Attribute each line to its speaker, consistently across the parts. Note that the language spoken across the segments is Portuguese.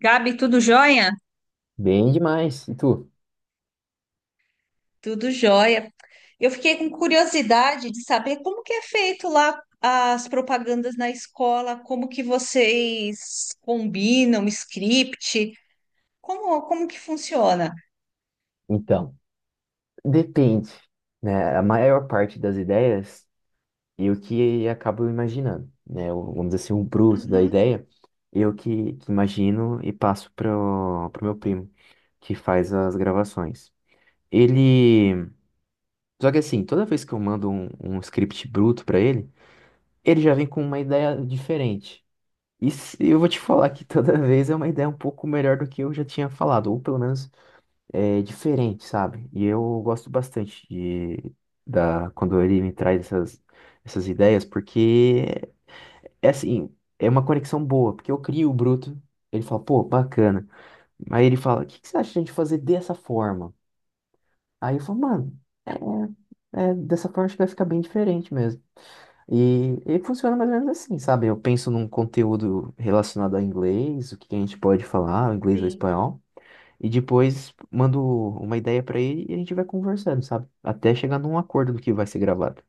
Speaker 1: Gabi, tudo jóia?
Speaker 2: Bem demais. E tu?
Speaker 1: Tudo jóia. Eu fiquei com curiosidade de saber como que é feito lá as propagandas na escola, como que vocês combinam, script, como que funciona?
Speaker 2: Então, depende, né? A maior parte das ideias eu que acabo imaginando, né? Vamos dizer assim, o bruto da ideia, eu que imagino e passo pro meu primo, que faz as gravações. Ele. Só que assim, toda vez que eu mando um script bruto pra ele, ele já vem com uma ideia diferente. Eu vou te falar que toda vez é uma ideia um pouco melhor do que eu já tinha falado, ou pelo menos é diferente, sabe? E eu gosto bastante de da quando ele me traz essas ideias, porque é assim, é uma conexão boa, porque eu crio o bruto, ele fala, pô, bacana. Aí ele fala, o que que você acha de a gente fazer dessa forma? Aí eu falo, mano, é, dessa forma acho que vai ficar bem diferente mesmo. E funciona mais ou menos assim, sabe? Eu penso num conteúdo relacionado a inglês, o que que a gente pode falar, inglês ou
Speaker 1: Sim.
Speaker 2: espanhol. E depois mando uma ideia pra ele e a gente vai conversando, sabe? Até chegar num acordo do que vai ser gravado.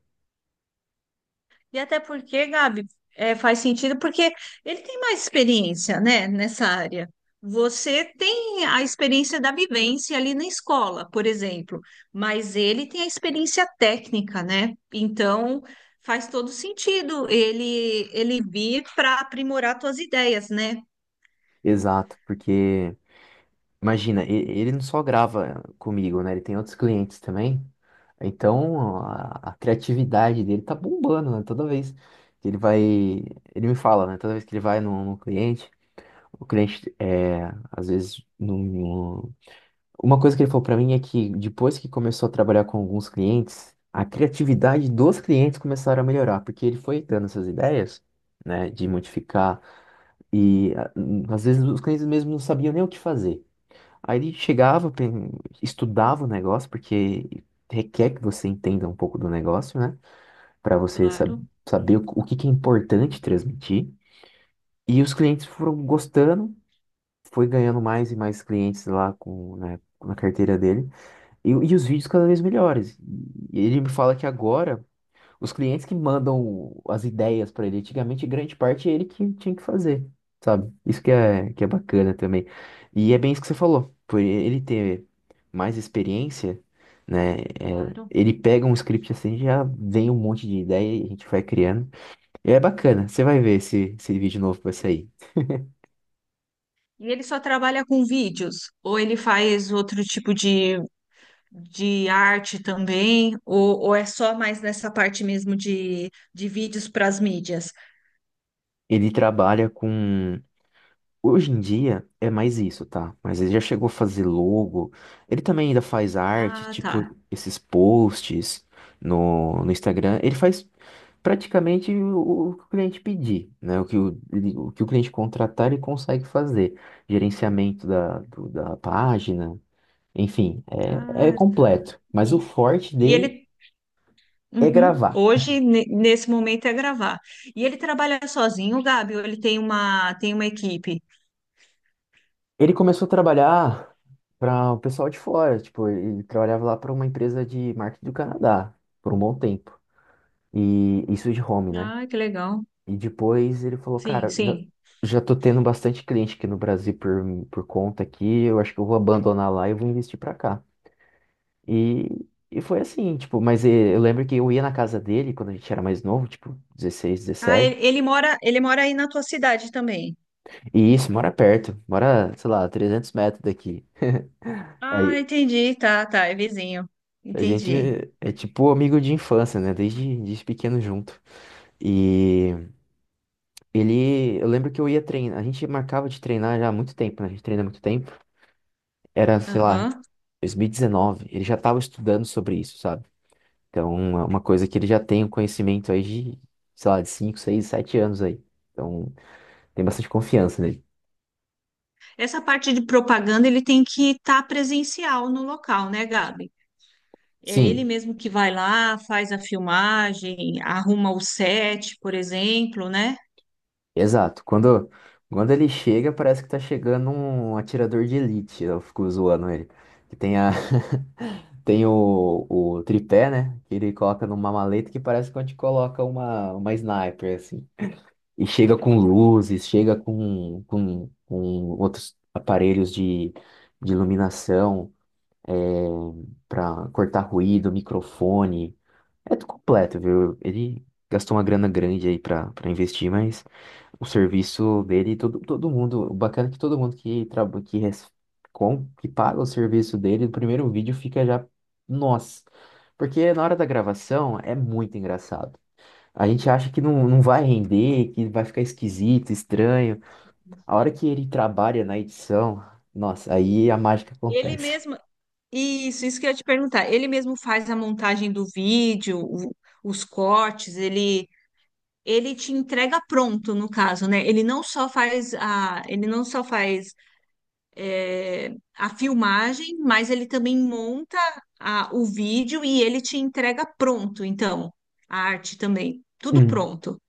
Speaker 1: E até porque, Gabi, é, faz sentido porque ele tem mais experiência, né, nessa área. Você tem a experiência da vivência ali na escola, por exemplo, mas ele tem a experiência técnica, né? Então faz todo sentido ele vir para aprimorar tuas ideias, né?
Speaker 2: Exato, porque imagina, ele não só grava comigo, né? Ele tem outros clientes também. Então a criatividade dele tá bombando, né? Toda vez que ele vai, ele me fala, né? Toda vez que ele vai num cliente, o cliente é, às vezes não. Uma coisa que ele falou pra mim é que depois que começou a trabalhar com alguns clientes, a criatividade dos clientes começaram a melhorar, porque ele foi dando essas ideias, né, de modificar. Às vezes os clientes mesmo não sabiam nem o que fazer. Aí ele chegava, estudava o negócio, porque requer que você entenda um pouco do negócio, né, para você sab-
Speaker 1: Claro,
Speaker 2: saber o que que é importante transmitir. E os clientes foram gostando, foi ganhando mais e mais clientes lá com, né, na carteira dele. E os vídeos cada vez melhores. E ele me fala que agora os clientes que mandam as ideias para ele, antigamente grande parte é ele que tinha que fazer, sabe? Isso que é bacana também. E é bem isso que você falou, por ele ter mais experiência, né? É,
Speaker 1: claro.
Speaker 2: ele pega um script assim, já vem um monte de ideia e a gente vai criando. E é bacana, você vai ver esse vídeo novo que vai sair.
Speaker 1: E ele só trabalha com vídeos, ou ele faz outro tipo de arte também, ou é só mais nessa parte mesmo de vídeos para as mídias?
Speaker 2: Ele trabalha com. Hoje em dia é mais isso, tá? Mas ele já chegou a fazer logo. Ele também ainda faz arte,
Speaker 1: Ah, tá.
Speaker 2: tipo esses posts no Instagram. Ele faz praticamente o que o cliente pedir, né? O que o cliente contratar, ele consegue fazer. Gerenciamento da página, enfim, é
Speaker 1: Ah, tá.
Speaker 2: completo. Mas o
Speaker 1: E,
Speaker 2: forte
Speaker 1: e
Speaker 2: dele
Speaker 1: ele,
Speaker 2: é
Speaker 1: uhum,
Speaker 2: gravar.
Speaker 1: hoje, nesse momento, é gravar. E ele trabalha sozinho, Gabi, ou ele tem uma equipe?
Speaker 2: Ele começou a trabalhar para o pessoal de fora, tipo, ele trabalhava lá para uma empresa de marketing do Canadá por um bom tempo. E isso de home, né?
Speaker 1: Ah, que legal.
Speaker 2: E depois ele falou,
Speaker 1: Sim,
Speaker 2: cara, já,
Speaker 1: sim.
Speaker 2: já tô tendo bastante cliente aqui no Brasil por conta aqui, eu acho que eu vou abandonar lá e vou investir pra cá. E, e foi assim, tipo, mas eu lembro que eu ia na casa dele quando a gente era mais novo, tipo, 16,
Speaker 1: Ah, ele,
Speaker 2: 17.
Speaker 1: ele mora aí na tua cidade também.
Speaker 2: E isso, mora perto, mora, sei lá, 300 metros daqui.
Speaker 1: Ah,
Speaker 2: Aí
Speaker 1: entendi. Tá, tá, é vizinho.
Speaker 2: a gente
Speaker 1: Entendi.
Speaker 2: é tipo amigo de infância, né? Desde pequeno junto. E ele, eu lembro que eu ia treinar, a gente marcava de treinar já há muito tempo, né? A gente treina há muito tempo. Era, sei lá,
Speaker 1: Aham.
Speaker 2: 2019, ele já estava estudando sobre isso, sabe? Então, é uma coisa que ele já tem um conhecimento aí de, sei lá, de 5 6 7 anos aí. Então, tem bastante confiança nele.
Speaker 1: Essa parte de propaganda ele tem que estar presencial no local, né, Gabi? É ele
Speaker 2: Sim,
Speaker 1: mesmo que vai lá, faz a filmagem, arruma o set, por exemplo, né?
Speaker 2: exato. Quando ele chega, parece que tá chegando um atirador de elite. Eu fico zoando ele. Que tem a... tem o tripé, né? Que ele coloca numa maleta que parece que a gente coloca uma sniper, assim. E chega com luzes, chega com outros aparelhos de iluminação, é, para cortar ruído, microfone. É tudo completo, viu? Ele gastou uma grana grande aí para investir, mas o serviço dele, todo mundo, o bacana é que todo mundo que trabalha, que paga o serviço dele, no primeiro vídeo fica já, nossa. Porque na hora da gravação é muito engraçado. A gente acha que não, não vai render, que vai ficar esquisito, estranho. A hora que ele trabalha na edição, nossa, aí a mágica
Speaker 1: Ele
Speaker 2: acontece.
Speaker 1: mesmo, isso que eu ia te perguntar. Ele mesmo faz a montagem do vídeo, o- os cortes, ele te entrega pronto, no caso, né? Ele não só faz a, ele não só faz é, a filmagem, mas ele também monta a- o vídeo e ele te entrega pronto, então, a arte também, tudo
Speaker 2: Hum.
Speaker 1: pronto,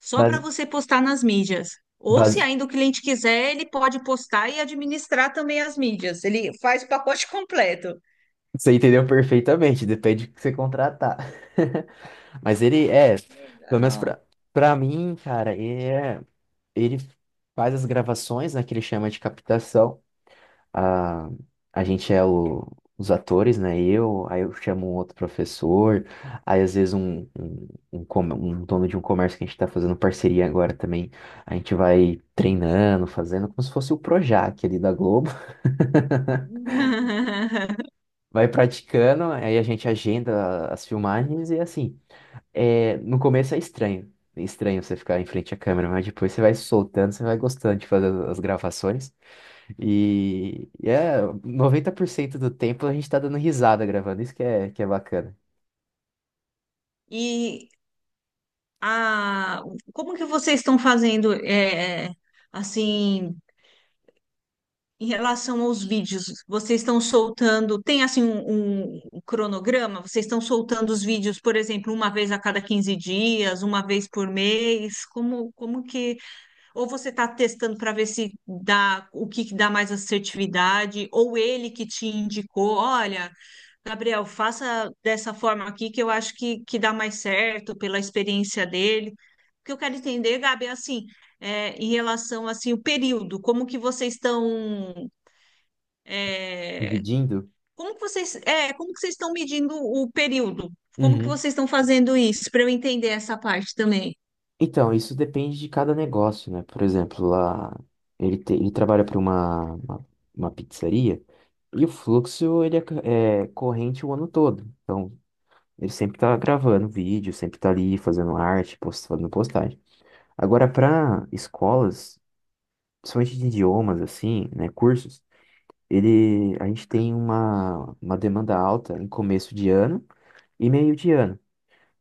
Speaker 1: só para
Speaker 2: Bas-
Speaker 1: você postar nas mídias. Ou se
Speaker 2: bas-
Speaker 1: ainda o cliente quiser, ele pode postar e administrar também as mídias. Ele faz o pacote completo.
Speaker 2: você entendeu perfeitamente, depende do que você contratar. Mas ele é, pelo menos
Speaker 1: Legal.
Speaker 2: pra mim, cara, ele faz as gravações, né, que ele chama de captação. a, a gente é os atores, né? Eu, aí eu chamo um outro professor, aí às vezes um dono de um comércio que a gente está fazendo parceria agora também, a gente vai treinando, fazendo como se fosse o Projac ali da Globo, vai praticando, aí a gente agenda as filmagens e assim, é, no começo é estranho. É estranho você ficar em frente à câmera, mas depois você vai soltando, você vai gostando de fazer as gravações. E é 90% do tempo a gente tá dando risada gravando, isso que é bacana.
Speaker 1: E a, como que vocês estão fazendo, é, assim? Em relação aos vídeos, vocês estão soltando, tem assim um, um cronograma? Vocês estão soltando os vídeos, por exemplo, uma vez a cada 15 dias, uma vez por mês? Como, como que. Ou você está testando para ver se dá o que, que dá mais assertividade, ou ele que te indicou, olha, Gabriel, faça dessa forma aqui que eu acho que dá mais certo pela experiência dele. O que eu quero entender, Gabi, é assim, é, em relação assim o período, como que vocês estão é,
Speaker 2: Dividindo.
Speaker 1: como que vocês, é, como que vocês estão medindo o período? Como que
Speaker 2: Uhum.
Speaker 1: vocês estão fazendo isso para eu entender essa parte também?
Speaker 2: Então, isso depende de cada negócio, né? Por exemplo, lá ele trabalha para uma, uma pizzaria e o fluxo ele é corrente o ano todo. Então, ele sempre tá gravando vídeo, sempre tá ali fazendo arte, post, fazendo postagem. Agora, para escolas, principalmente de idiomas, assim, né? Cursos. A gente tem uma demanda alta em começo de ano e meio de ano.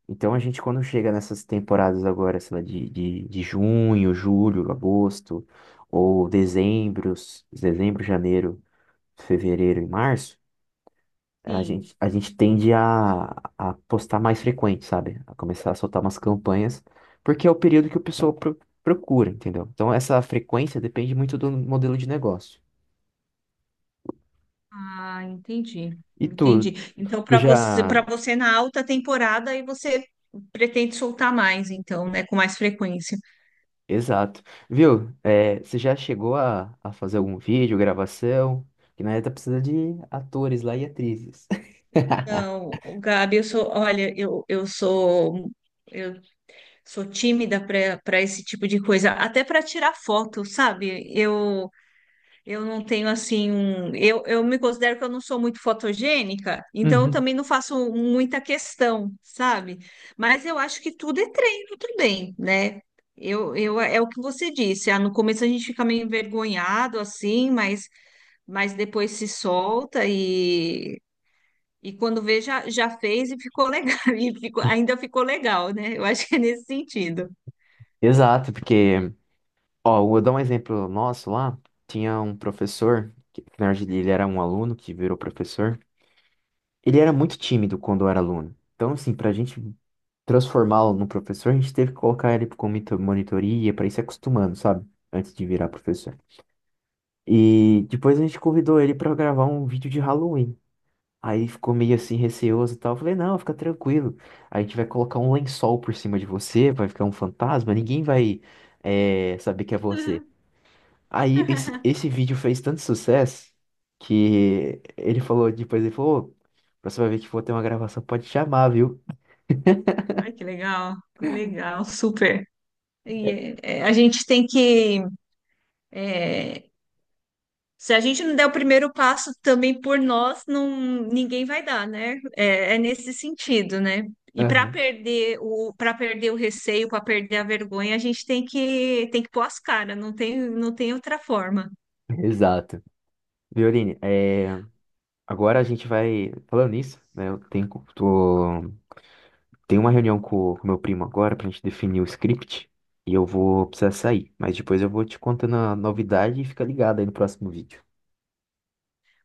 Speaker 2: Então a gente quando chega nessas temporadas agora, sei lá, de junho, julho, agosto, ou dezembro, janeiro, fevereiro e março, a
Speaker 1: Sim.
Speaker 2: gente, a gente tende a postar mais frequente, sabe? A começar a soltar umas campanhas, porque é o período que o pessoal procura, entendeu? Então essa frequência depende muito do modelo de negócio.
Speaker 1: Ah, entendi.
Speaker 2: E tu,
Speaker 1: Entendi. Então,
Speaker 2: tu
Speaker 1: para
Speaker 2: já.
Speaker 1: você, para você na alta temporada, aí você pretende soltar mais, então, né, com mais frequência.
Speaker 2: Exato. Viu? É, você já chegou a fazer algum vídeo, gravação? Que na verdade precisa de atores lá e atrizes.
Speaker 1: Não, o Gabi, olha, eu sou tímida para esse tipo de coisa, até para tirar foto, sabe? Eu não tenho assim um. Eu me considero que eu não sou muito fotogênica, então eu
Speaker 2: Uhum.
Speaker 1: também não faço muita questão, sabe? Mas eu acho que tudo é treino também, né? É o que você disse. Ah, no começo a gente fica meio envergonhado, assim, mas depois se solta e quando vê, já fez e ficou legal. E ficou, ainda ficou legal, né? Eu acho que é nesse sentido.
Speaker 2: Exato, porque, ó, eu vou dar um exemplo nosso lá. Tinha um professor, que na verdade ele era um aluno que virou professor. Ele era muito tímido quando era aluno. Então, assim, pra gente transformá-lo num professor, a gente teve que colocar ele com monitoria, pra ir se acostumando, sabe? Antes de virar professor. E depois a gente convidou ele pra gravar um vídeo de Halloween. Aí ficou meio assim receoso e tal. Eu falei, não, fica tranquilo. A gente vai colocar um lençol por cima de você, vai ficar um fantasma, ninguém vai saber que é você. Aí esse vídeo fez tanto sucesso que ele falou, "Ô, próxima vez que for ter uma gravação, pode chamar, viu?"
Speaker 1: Ai, que legal, legal, super. E é, é, a gente tem que. É, se a gente não der o primeiro passo também por nós, não, ninguém vai dar, né? É, é nesse sentido, né? E para
Speaker 2: Aham.
Speaker 1: perder o, para perder o receio, para perder a vergonha, a gente tem que pôr as caras, não tem, não tem outra forma.
Speaker 2: Exato. Violine, agora a gente vai. Falando nisso, né? Eu tenho, tô Tem uma reunião com o meu primo agora pra gente definir o script e eu vou precisar sair, mas depois eu vou te contando a novidade e fica ligado aí no próximo vídeo.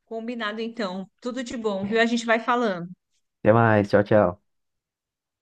Speaker 1: Combinado, então. Tudo de bom, viu? A gente vai falando.
Speaker 2: Até mais, tchau, tchau.